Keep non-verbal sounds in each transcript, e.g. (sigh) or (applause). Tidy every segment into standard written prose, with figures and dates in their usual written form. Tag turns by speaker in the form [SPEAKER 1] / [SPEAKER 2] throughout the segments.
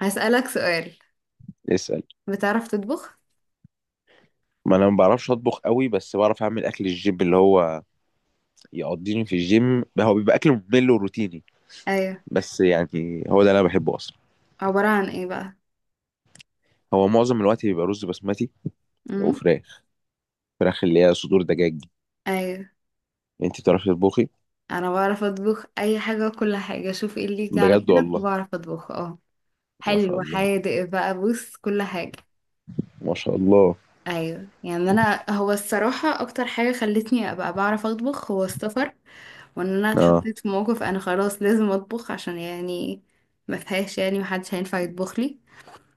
[SPEAKER 1] هسألك سؤال.
[SPEAKER 2] اسأل.
[SPEAKER 1] بتعرف تطبخ؟
[SPEAKER 2] ما انا ما بعرفش اطبخ قوي، بس بعرف اعمل اكل الجيم اللي هو يقضيني في الجيم. هو بيبقى اكل ممل وروتيني.
[SPEAKER 1] ايوه.
[SPEAKER 2] بس يعني، هو ده اللي انا بحبه اصلا.
[SPEAKER 1] عبارة عن ايه بقى؟
[SPEAKER 2] هو معظم الوقت بيبقى رز بسمتي
[SPEAKER 1] امم.
[SPEAKER 2] وفراخ. فراخ اللي هي صدور دجاج دي.
[SPEAKER 1] ايوه،
[SPEAKER 2] انت بتعرفي تطبخي؟
[SPEAKER 1] انا بعرف اطبخ اي حاجة وكل حاجة، شوف ايه اللي يجي على
[SPEAKER 2] بجد
[SPEAKER 1] بالك
[SPEAKER 2] والله؟
[SPEAKER 1] وبعرف اطبخه. اه
[SPEAKER 2] ما شاء
[SPEAKER 1] حلو،
[SPEAKER 2] الله،
[SPEAKER 1] حادق بقى، بص كل حاجة.
[SPEAKER 2] ما شاء الله.
[SPEAKER 1] ايوه انا هو الصراحة اكتر حاجة خلتني ابقى بعرف اطبخ هو السفر، وان انا
[SPEAKER 2] اه،
[SPEAKER 1] اتحطيت في موقف انا خلاص لازم اطبخ، عشان ما فيهاش، يعني محدش هينفع يطبخ لي.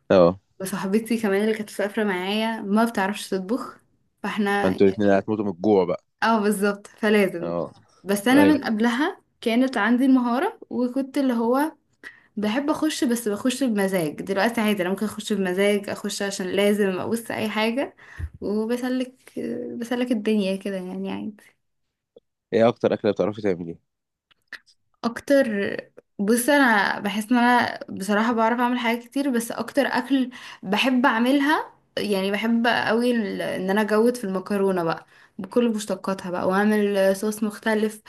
[SPEAKER 2] اه.
[SPEAKER 1] وصاحبتي كمان اللي كانت مسافرة معايا ما بتعرفش تطبخ، فاحنا
[SPEAKER 2] انتوا الاتنين
[SPEAKER 1] يعني.
[SPEAKER 2] هتموتوا من الجوع بقى.
[SPEAKER 1] اه بالظبط، فلازم.
[SPEAKER 2] اه.
[SPEAKER 1] بس انا
[SPEAKER 2] ايوه.
[SPEAKER 1] من قبلها كانت عندي المهارة وكنت اللي هو بحب اخش، بس بخش بمزاج. دلوقتي عادي انا ممكن اخش بمزاج، اخش عشان لازم ابص اي حاجة وبسلك، بسلك الدنيا كده، يعني عادي.
[SPEAKER 2] ايه اكتر اكله بتعرفي تعمليها؟
[SPEAKER 1] اكتر، بص انا بحس ان انا بصراحة بعرف اعمل حاجات كتير، بس اكتر اكل بحب اعملها يعني بحب قوي ان انا اجود في المكرونة بقى، بكل مشتقاتها بقى، واعمل صوص مختلف،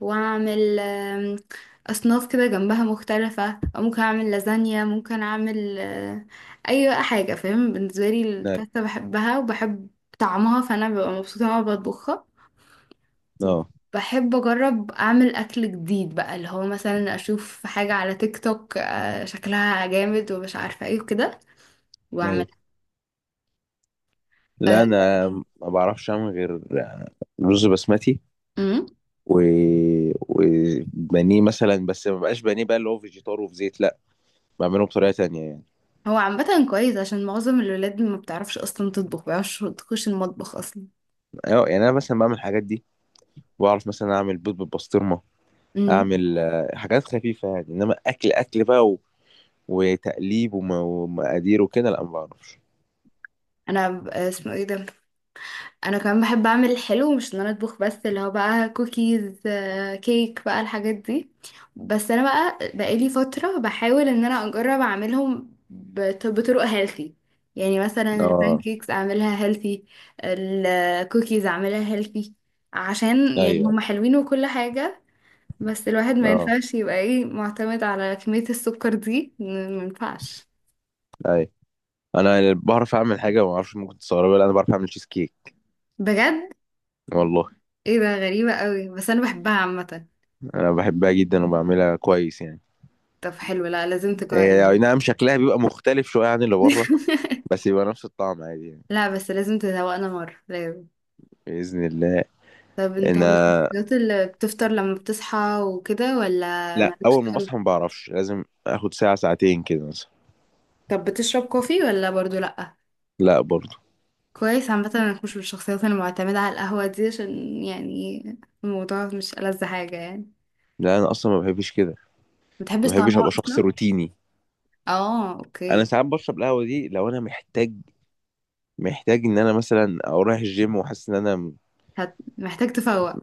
[SPEAKER 1] واعمل اصناف كده جنبها مختلفة، او ممكن اعمل لازانيا، ممكن اعمل اي بقى حاجة فاهم. بالنسبة لي
[SPEAKER 2] لا.
[SPEAKER 1] الباستا بحبها وبحب طعمها، فانا ببقى مبسوطة وانا بطبخها.
[SPEAKER 2] اه.
[SPEAKER 1] بحب اجرب اعمل اكل جديد بقى، اللي هو مثلا اشوف حاجة على تيك توك شكلها جامد ومش عارفة ايه وكده واعمل
[SPEAKER 2] ايوه.
[SPEAKER 1] آه،
[SPEAKER 2] لا انا ما بعرفش اعمل غير رز بسمتي
[SPEAKER 1] أمم.
[SPEAKER 2] و... وبانيه مثلا، بس ما بقاش بانيه بقى اللي هو فيجيتار وفي زيت، لا، بعمله بطريقه تانية يعني.
[SPEAKER 1] هو عامة كويس عشان معظم الولاد ما بتعرفش اصلا تطبخ، ما بيعرفش تخش المطبخ اصلا.
[SPEAKER 2] أيوة، يعني انا مثلا بعمل الحاجات دي. بعرف مثلا اعمل بيض بالبسطرمه.
[SPEAKER 1] امم.
[SPEAKER 2] اعمل حاجات خفيفه يعني، انما اكل اكل بقى وتقليب ومقادير وكده، لا ما بعرفش.
[SPEAKER 1] انا اسمه ايه ده، انا كمان بحب اعمل الحلو، مش ان انا اطبخ بس، اللي هو بقى كوكيز، كيك بقى الحاجات دي. بس انا بقى بقالي فترة بحاول ان انا اجرب اعملهم بطرق هيلثي. يعني مثلا
[SPEAKER 2] اه،
[SPEAKER 1] البانكيكس اعملها هيلثي، الكوكيز اعملها هيلثي، عشان يعني
[SPEAKER 2] ايوه.
[SPEAKER 1] هما حلوين وكل حاجة. بس الواحد ما
[SPEAKER 2] اه،
[SPEAKER 1] ينفعش يبقى ايه، معتمد على كمية السكر دي، ما ينفعش.
[SPEAKER 2] ايوه. انا بعرف اعمل حاجه ما اعرفش ممكن تستغربها. لا، انا بعرف اعمل تشيز كيك.
[SPEAKER 1] بجد؟
[SPEAKER 2] والله.
[SPEAKER 1] ايه ده غريبة قوي، بس انا بحبها عامة.
[SPEAKER 2] انا بحبها جدا وبعملها كويس يعني.
[SPEAKER 1] طب حلو، لا لازم تجرب
[SPEAKER 2] إيه، اي
[SPEAKER 1] يعني.
[SPEAKER 2] نعم، شكلها بيبقى مختلف شويه عن اللي بره،
[SPEAKER 1] (laughs)
[SPEAKER 2] بس يبقى نفس الطعم عادي يعني.
[SPEAKER 1] لا بس لازم تذوقنا مرة، لازم.
[SPEAKER 2] بإذن الله.
[SPEAKER 1] طب انت مش من
[SPEAKER 2] أنا،
[SPEAKER 1] الشخصيات اللي بتفطر لما بتصحى وكده، ولا
[SPEAKER 2] لا،
[SPEAKER 1] مالكش
[SPEAKER 2] أول ما
[SPEAKER 1] تقول؟
[SPEAKER 2] بصحى ما بعرفش، لازم آخد ساعة ساعتين كده مثلا.
[SPEAKER 1] طب بتشرب كوفي ولا برضو لأ؟
[SPEAKER 2] لا برضه.
[SPEAKER 1] كويس، عامة انك مش من الشخصيات المعتمدة على القهوة دي، عشان يعني الموضوع مش ألذ حاجة يعني.
[SPEAKER 2] لا أنا أصلا ما بحبش كده.
[SPEAKER 1] متحبش
[SPEAKER 2] ما بحبش
[SPEAKER 1] طعمها
[SPEAKER 2] أبقى شخص
[SPEAKER 1] أصلا؟
[SPEAKER 2] روتيني.
[SPEAKER 1] اه
[SPEAKER 2] أنا
[SPEAKER 1] اوكي.
[SPEAKER 2] ساعات بشرب القهوة دي لو أنا محتاج إن أنا مثلا أو رايح الجيم وحاسس إن أنا
[SPEAKER 1] محتاج تفوق.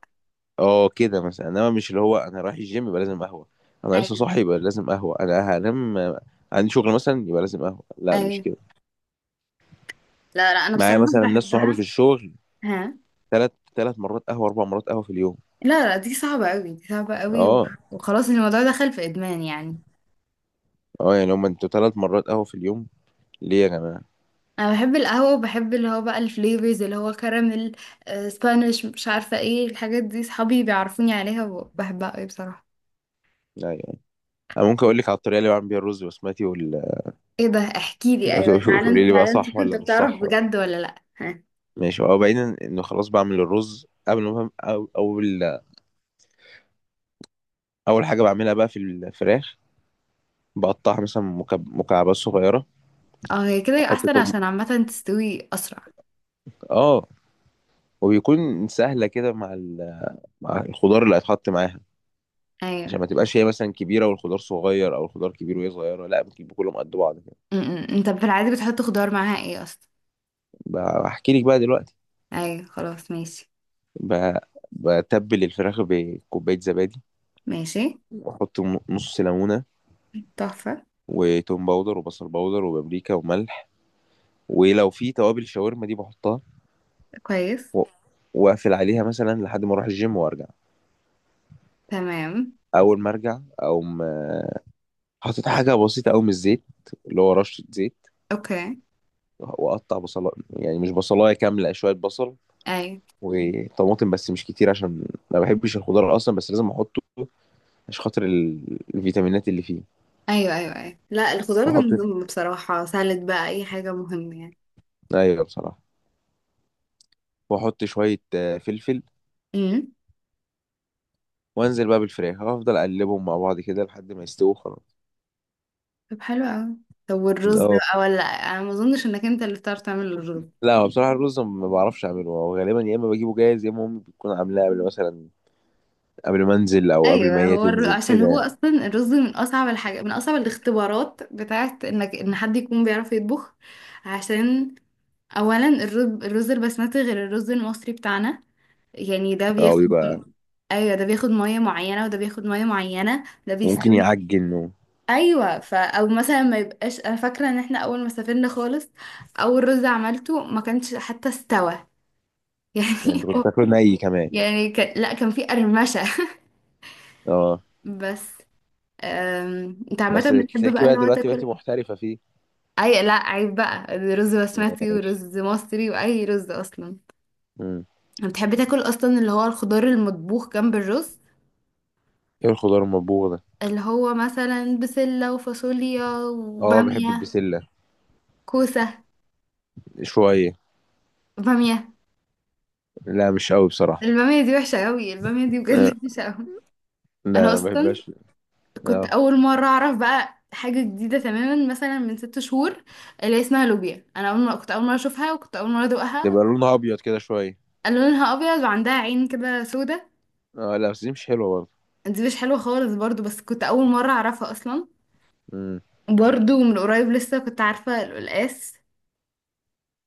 [SPEAKER 2] أه كده مثلا، إنما مش اللي هو أنا رايح الجيم يبقى لازم قهوة. أنا لسه
[SPEAKER 1] ايوه،
[SPEAKER 2] صاحي يبقى لازم قهوة. أنا هنام عندي شغل مثلا يبقى لازم قهوة، لا مش
[SPEAKER 1] ايوه.
[SPEAKER 2] كده.
[SPEAKER 1] لا لا، انا
[SPEAKER 2] معايا
[SPEAKER 1] بصراحة
[SPEAKER 2] مثلا ناس صحابي في
[SPEAKER 1] بحبها.
[SPEAKER 2] الشغل،
[SPEAKER 1] ها؟
[SPEAKER 2] تلات مرات قهوة، أربع مرات قهوة في اليوم.
[SPEAKER 1] لا لا، دي صعبة قوي، دي صعبة قوي.
[SPEAKER 2] أه.
[SPEAKER 1] وخلاص الموضوع دخل في إدمان يعني.
[SPEAKER 2] أه، يعني هما أنتوا تلات مرات قهوة في اليوم ليه يا جماعة؟
[SPEAKER 1] انا بحب القهوه، وبحب اللي هو بقى الفليفرز، اللي هو كراميل، سبانيش، مش عارفه ايه الحاجات دي، صحابي بيعرفوني عليها وبحبها قوي بصراحه.
[SPEAKER 2] لا يعني، أنا ممكن أقول لك على الطريقة اللي بعمل بيها الرز بسمتي
[SPEAKER 1] ايه ده، احكي لي، ايوه تعالى
[SPEAKER 2] تقولي
[SPEAKER 1] انت،
[SPEAKER 2] لي بقى
[SPEAKER 1] تعالى انت شوف،
[SPEAKER 2] صح
[SPEAKER 1] انت
[SPEAKER 2] ولا مش
[SPEAKER 1] بتعرف
[SPEAKER 2] صح بقى.
[SPEAKER 1] بجد ولا لا؟ ها.
[SPEAKER 2] ماشي. هو بعيدا إنه خلاص بعمل الرز قبل ما أول حاجة بعملها بقى في الفراخ. بقطعها مثلا مكعبات صغيرة.
[SPEAKER 1] اه هي كده
[SPEAKER 2] أحط
[SPEAKER 1] احسن،
[SPEAKER 2] توم،
[SPEAKER 1] عشان عامه تستوي اسرع.
[SPEAKER 2] آه وبيكون سهلة كده مع مع الخضار اللي هيتحط معاها. عشان
[SPEAKER 1] ايوه،
[SPEAKER 2] ما تبقاش هي مثلا كبيرة والخضار صغير أو الخضار كبير وهي صغيرة، لا، بتبقى كلهم قد بعض كده.
[SPEAKER 1] م- م. انت في العادي بتحط خضار معاها ايه اصلا؟
[SPEAKER 2] بحكي لك بقى دلوقتي.
[SPEAKER 1] ايوه خلاص ماشي.
[SPEAKER 2] ب- بتبل الفراخ بكوباية زبادي.
[SPEAKER 1] ماشي.
[SPEAKER 2] واحط نص ليمونه،
[SPEAKER 1] تحفه.
[SPEAKER 2] وتوم باودر وبصل باودر وبابريكا وملح، ولو في توابل الشاورما دي بحطها.
[SPEAKER 1] كويس.
[SPEAKER 2] و- واقفل عليها مثلا لحد ما اروح الجيم وارجع.
[SPEAKER 1] تمام.
[SPEAKER 2] اول ما ارجع اقوم، حاطط حاجه بسيطه قوي من الزيت، اللي هو رشه زيت،
[SPEAKER 1] اوكي.
[SPEAKER 2] واقطع بصلايه، يعني مش بصلايه كامله، شويه بصل
[SPEAKER 1] ايوه
[SPEAKER 2] وطماطم، بس مش كتير عشان ما بحبش الخضار اصلا، بس لازم احطه عشان خاطر الفيتامينات اللي فيه.
[SPEAKER 1] ايوه ايوه. ايوه لا الخضار ده
[SPEAKER 2] واحط،
[SPEAKER 1] مهم بصراحه، سالد بقى اي حاجه مهمه
[SPEAKER 2] ايوه بصراحه، واحط شويه فلفل،
[SPEAKER 1] يعني.
[SPEAKER 2] وانزل بقى بالفراخ. هفضل اقلبهم مع بعض كده لحد ما يستووا خلاص.
[SPEAKER 1] طب حلو قوي. طب والرز ده
[SPEAKER 2] اه.
[SPEAKER 1] بقى؟ ولا انا ما اظنش انك انت اللي بتعرف تعمل الرز.
[SPEAKER 2] لا، هو بصراحه الرز ما بعرفش اعمله. هو غالبا يا اما بجيبه جاهز، يا اما امي بتكون عاملاه قبل مثلا، قبل ما انزل او قبل ما
[SPEAKER 1] ايوه.
[SPEAKER 2] هي تنزل
[SPEAKER 1] عشان
[SPEAKER 2] كده
[SPEAKER 1] هو
[SPEAKER 2] يعني.
[SPEAKER 1] اصلا الرز من اصعب الحاجه، من اصعب الاختبارات بتاعت انك ان حد يكون بيعرف يطبخ، عشان اولا الرز، الرز البسمتي غير الرز المصري بتاعنا، يعني ده
[SPEAKER 2] اه
[SPEAKER 1] بياخد.
[SPEAKER 2] بيبقى،
[SPEAKER 1] ايوه، ده بياخد ميه معينه، وده بياخد ميه معينه، ده
[SPEAKER 2] ممكن
[SPEAKER 1] بيستوي.
[SPEAKER 2] يعجن
[SPEAKER 1] ايوه، فا او مثلا ما يبقاش، انا فاكره ان احنا اول ما سافرنا خالص، اول رز عملته ما كانش حتى استوى. (laughs)
[SPEAKER 2] يعني
[SPEAKER 1] يعني.
[SPEAKER 2] انت كنت تاكله ني كمان؟
[SPEAKER 1] يعني كان، لا كان في قرمشة. (laughs)
[SPEAKER 2] اه.
[SPEAKER 1] بس، انت
[SPEAKER 2] بس
[SPEAKER 1] عامة بتحب
[SPEAKER 2] تلاقيكي
[SPEAKER 1] بقى
[SPEAKER 2] بقى
[SPEAKER 1] اللي هو
[SPEAKER 2] دلوقتي
[SPEAKER 1] تاكل؟
[SPEAKER 2] بقيتي محترفه فيه.
[SPEAKER 1] اي لا عيب بقى، رز بسمتي
[SPEAKER 2] ماشي.
[SPEAKER 1] ورز مصري واي رز اصلا.
[SPEAKER 2] امم
[SPEAKER 1] بتحب تاكل اصلا اللي هو الخضار المطبوخ جنب الرز؟
[SPEAKER 2] ايه الخضار المطبوخ ده؟
[SPEAKER 1] اللي هو مثلا بسلة وفاصوليا
[SPEAKER 2] اه، بحب
[SPEAKER 1] وبامية،
[SPEAKER 2] البسله،
[SPEAKER 1] كوسة،
[SPEAKER 2] شويه.
[SPEAKER 1] بامية؟
[SPEAKER 2] لا مش قوي بصراحه.
[SPEAKER 1] البامية دي وحشة قوي، البامية دي
[SPEAKER 2] آه.
[SPEAKER 1] بجد (laughs) وحشة قوي.
[SPEAKER 2] لا
[SPEAKER 1] انا
[SPEAKER 2] انا ما
[SPEAKER 1] اصلا
[SPEAKER 2] بحبهاش.
[SPEAKER 1] كنت
[SPEAKER 2] اه.
[SPEAKER 1] اول مره اعرف بقى حاجه جديده تماما مثلا من 6 شهور، اللي هي اسمها لوبيا، انا اول مره كنت اول مره اشوفها وكنت اول مره ادوقها.
[SPEAKER 2] تبقى لونها ابيض كده شويه؟
[SPEAKER 1] لونها ابيض وعندها عين كده سودا.
[SPEAKER 2] اه، لا بس دي مش حلوه برضه.
[SPEAKER 1] دي مش حلوه خالص برضو، بس كنت اول مره اعرفها اصلا.
[SPEAKER 2] مم.
[SPEAKER 1] برضو من قريب لسه كنت عارفه القلقاس.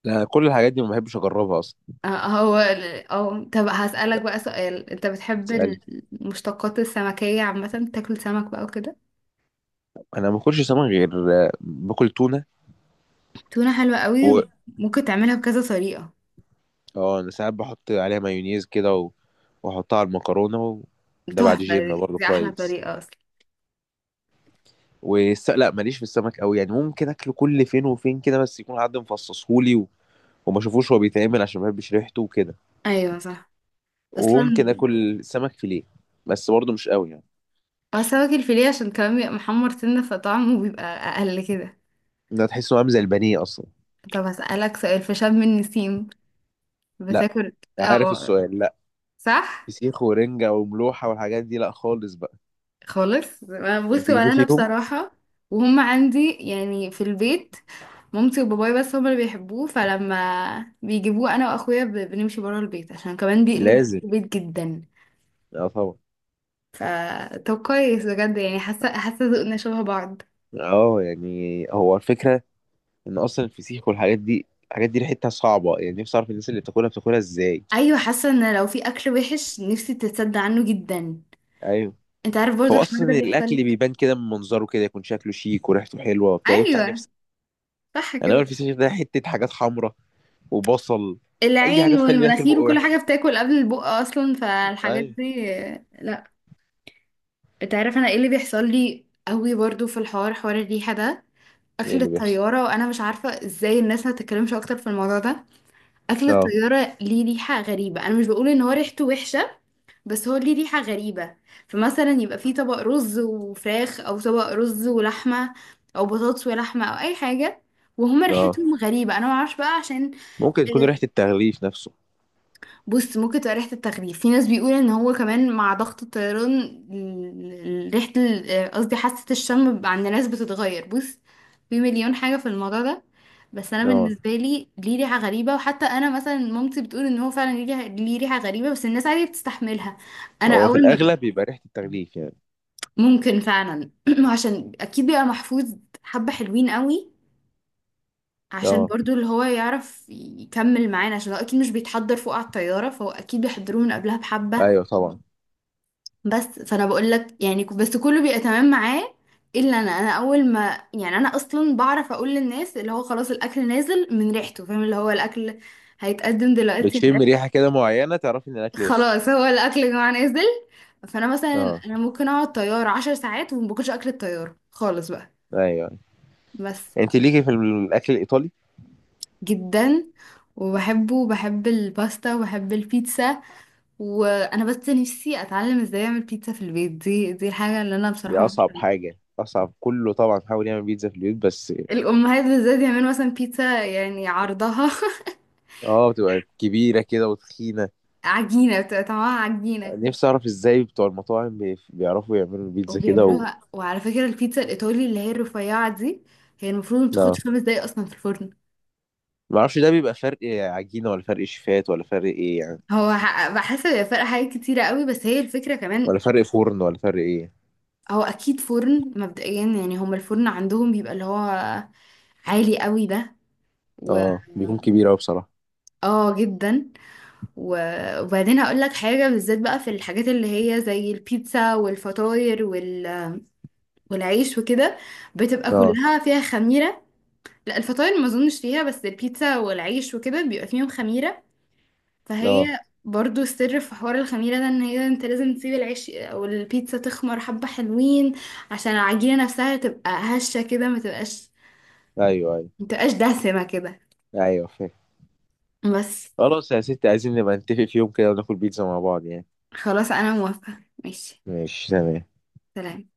[SPEAKER 2] لا، كل الحاجات دي ما بحبش اجربها اصلا.
[SPEAKER 1] هو ال- اه طب هسألك بقى سؤال، انت بتحب
[SPEAKER 2] بتسألي؟
[SPEAKER 1] المشتقات السمكية عامة، تاكل سمك بقى وكده؟
[SPEAKER 2] انا ما باكلش سمك غير باكل تونه.
[SPEAKER 1] تونة حلوة
[SPEAKER 2] و
[SPEAKER 1] قوي، ممكن تعملها بكذا طريقة.
[SPEAKER 2] اه، انا ساعات بحط عليها مايونيز كده واحطها على المكرونه ده بعد جيم
[SPEAKER 1] تحفة،
[SPEAKER 2] برضه
[SPEAKER 1] دي احلى
[SPEAKER 2] كويس.
[SPEAKER 1] طريقة اصلا.
[SPEAKER 2] لا، ماليش في السمك قوي يعني. ممكن اكله كل فين وفين كده، بس يكون حد مفصصهولي وما اشوفوش هو بيتعمل عشان ما بحبش ريحته وكده.
[SPEAKER 1] ايوه صح. اصلا
[SPEAKER 2] وممكن اكل سمك فيليه، بس برضه مش قوي يعني.
[SPEAKER 1] هو السمك الفيليه عشان كمان بيبقى محمر سنة، فطعمه بيبقى اقل كده.
[SPEAKER 2] ده تحسه عامل زي البانيه اصلا.
[SPEAKER 1] طب هسألك سؤال، في شم النسيم
[SPEAKER 2] لا.
[SPEAKER 1] بتاكل؟
[SPEAKER 2] عارف
[SPEAKER 1] اه
[SPEAKER 2] السؤال، لا.
[SPEAKER 1] صح.
[SPEAKER 2] فسيخ ورنجة وملوحة والحاجات دي، لا خالص بقى.
[SPEAKER 1] خالص،
[SPEAKER 2] انت
[SPEAKER 1] بصي، ولا
[SPEAKER 2] ليكي
[SPEAKER 1] انا
[SPEAKER 2] فيهم؟
[SPEAKER 1] بصراحة، وهم عندي يعني في البيت مامتي وباباي بس هم اللي بيحبوه، فلما بيجيبوه انا واخويا بنمشي برا البيت، عشان كمان بيقلب
[SPEAKER 2] لازم.
[SPEAKER 1] البيت جدا.
[SPEAKER 2] اه طبعا.
[SPEAKER 1] ف، طب كويس بجد يعني، حاسه حاسه ذوقنا شبه بعض.
[SPEAKER 2] اه يعني هو الفكره ان اصلا الفسيخ والحاجات دي، الحاجات دي ريحتها صعبه. يعني نفسي اعرف الناس اللي بتاكلها بتاكلها ازاي.
[SPEAKER 1] ايوه، حاسه ان لو في اكل وحش نفسي تتصدى عنه جدا.
[SPEAKER 2] ايوه.
[SPEAKER 1] انت عارف برضو
[SPEAKER 2] هو
[SPEAKER 1] الحوار ده
[SPEAKER 2] اصلا الاكل
[SPEAKER 1] بيحصل.
[SPEAKER 2] بيبان كده من منظره، كده يكون شكله شيك وريحته حلوه وبتاع، يفتح
[SPEAKER 1] ايوه
[SPEAKER 2] نفسك.
[SPEAKER 1] صح
[SPEAKER 2] انا هو
[SPEAKER 1] كده.
[SPEAKER 2] الفسيخ ده، حته حاجات حمراء وبصل، اي حاجه
[SPEAKER 1] العين
[SPEAKER 2] تخلي ريحه البق
[SPEAKER 1] والمناخير وكل حاجه
[SPEAKER 2] وحشه.
[SPEAKER 1] بتاكل قبل البق اصلا، فالحاجات
[SPEAKER 2] ايوه.
[SPEAKER 1] دي لا. انت عارف انا ايه اللي بيحصل لي قوي برضو في الحوار، حوار الريحه ده؟
[SPEAKER 2] ايه
[SPEAKER 1] اكل
[SPEAKER 2] اللي بيحصل؟
[SPEAKER 1] الطياره، وانا مش عارفه ازاي الناس ما تتكلمش اكتر في الموضوع ده. اكل
[SPEAKER 2] اه.
[SPEAKER 1] الطياره ليه ريحه غريبه، انا مش بقول ان هو ريحته وحشه، بس هو ليه ريحه غريبه. فمثلا يبقى فيه طبق رز وفراخ، او طبق رز ولحمه، او بطاطس ولحمه، او اي حاجه، وهما
[SPEAKER 2] اه،
[SPEAKER 1] ريحتهم غريبه. انا ما اعرفش بقى عشان.
[SPEAKER 2] ممكن تكون ريحه التغليف نفسه.
[SPEAKER 1] بص ممكن تبقى ريحة التغليف، في ناس بيقول ان هو كمان مع ضغط الطيران ريحة قصدي حاسة الشم عند ناس بتتغير. بص في 1000000 حاجة في الموضوع ده، بس انا
[SPEAKER 2] اه،
[SPEAKER 1] بالنسبة لي ليه ريحة غريبة، وحتى انا مثلا مامتي بتقول ان هو فعلا ليه ريحة، ليه ريحة غريبة، بس الناس عادي بتستحملها. انا
[SPEAKER 2] هو في
[SPEAKER 1] اول ما ب-
[SPEAKER 2] الاغلب بيبقى ريحه التغليف يعني.
[SPEAKER 1] ممكن فعلا. (clears throat) عشان اكيد بيبقى محفوظ حبة حلوين قوي، عشان
[SPEAKER 2] اه،
[SPEAKER 1] برضو اللي هو يعرف يكمل معانا، عشان هو اكيد مش بيتحضر فوق على الطيارة، فهو اكيد بيحضروه من قبلها بحبة.
[SPEAKER 2] ايوه طبعا.
[SPEAKER 1] بس فانا بقول لك يعني بس كله بيبقى تمام معاه. الا انا، انا اول ما يعني، انا اصلا بعرف اقول للناس اللي هو خلاص الاكل نازل من ريحته، فاهم، اللي هو الاكل هيتقدم دلوقتي من
[SPEAKER 2] بتشم
[SPEAKER 1] ريحته.
[SPEAKER 2] ريحه كده معينه تعرفي ان
[SPEAKER 1] (laughs)
[SPEAKER 2] الاكل وصل؟
[SPEAKER 1] خلاص، هو الاكل يا جماعه نازل. فانا مثلا
[SPEAKER 2] اه.
[SPEAKER 1] انا ممكن اقعد طياره 10 ساعات وما باكلش اكل الطياره خالص بقى.
[SPEAKER 2] ايوه.
[SPEAKER 1] بس،
[SPEAKER 2] انت ليكي في الاكل الايطالي؟
[SPEAKER 1] جدا، وبحبه وبحب الباستا وبحب البيتزا، وانا بس نفسي اتعلم ازاي اعمل بيتزا في البيت، دي دي الحاجه اللي انا
[SPEAKER 2] دي
[SPEAKER 1] بصراحه.
[SPEAKER 2] اصعب حاجه، اصعب كله طبعا. حاول يعمل بيتزا في البيوت، بس
[SPEAKER 1] الأمهات بالذات يعملوا مثلا بيتزا يعني عرضها
[SPEAKER 2] اه بتبقى كبيره كده وتخينه.
[SPEAKER 1] (laughs) عجينة، بتبقى طعمها عجينة.
[SPEAKER 2] نفسي اعرف ازاي بتوع المطاعم بيعرفوا يعملوا البيتزا كده
[SPEAKER 1] وبيعملوها، وعلى فكرة البيتزا الإيطالي اللي هي الرفيعة دي، هي المفروض ما
[SPEAKER 2] لا.
[SPEAKER 1] بتاخدش 5 دقايق أصلا في الفرن.
[SPEAKER 2] ما اعرفش، ده بيبقى فرق عجينه ولا فرق شيفات ولا فرق ايه يعني؟
[SPEAKER 1] بحس هي فرق حاجات كتيرة قوي، بس هي الفكرة كمان.
[SPEAKER 2] ولا فرق فرن ولا فرق ايه؟
[SPEAKER 1] هو أكيد فرن مبدئيا، يعني هما الفرن عندهم بيبقى اللي هو عالي قوي ده. و،
[SPEAKER 2] اه، بيكون كبير قوي بصراحه.
[SPEAKER 1] اه جدا. وبعدين هقول لك حاجة بالذات بقى، في الحاجات اللي هي زي البيتزا والفطاير والعيش وكده، بتبقى
[SPEAKER 2] اه.
[SPEAKER 1] كلها فيها خميرة. لا الفطاير ما اظنش فيها، بس البيتزا والعيش وكده بيبقى فيهم خميرة. فهي،
[SPEAKER 2] اه،
[SPEAKER 1] برضو السر في حوار الخميرة ده، ان هي انت لازم تسيب العيش او البيتزا تخمر حبة حلوين، عشان العجينة نفسها تبقى هشة كده، ما تبقاش،
[SPEAKER 2] ايوه، ايوه،
[SPEAKER 1] ما تبقاش دسمة كده.
[SPEAKER 2] ايوه، فاهم.
[SPEAKER 1] بس،
[SPEAKER 2] خلاص يا ستي، عايزين نبقى نتفق في يوم كده وناكل بيتزا مع بعض يعني.
[SPEAKER 1] خلاص انا موافقة ماشي.
[SPEAKER 2] ماشي تمام.
[SPEAKER 1] سلام.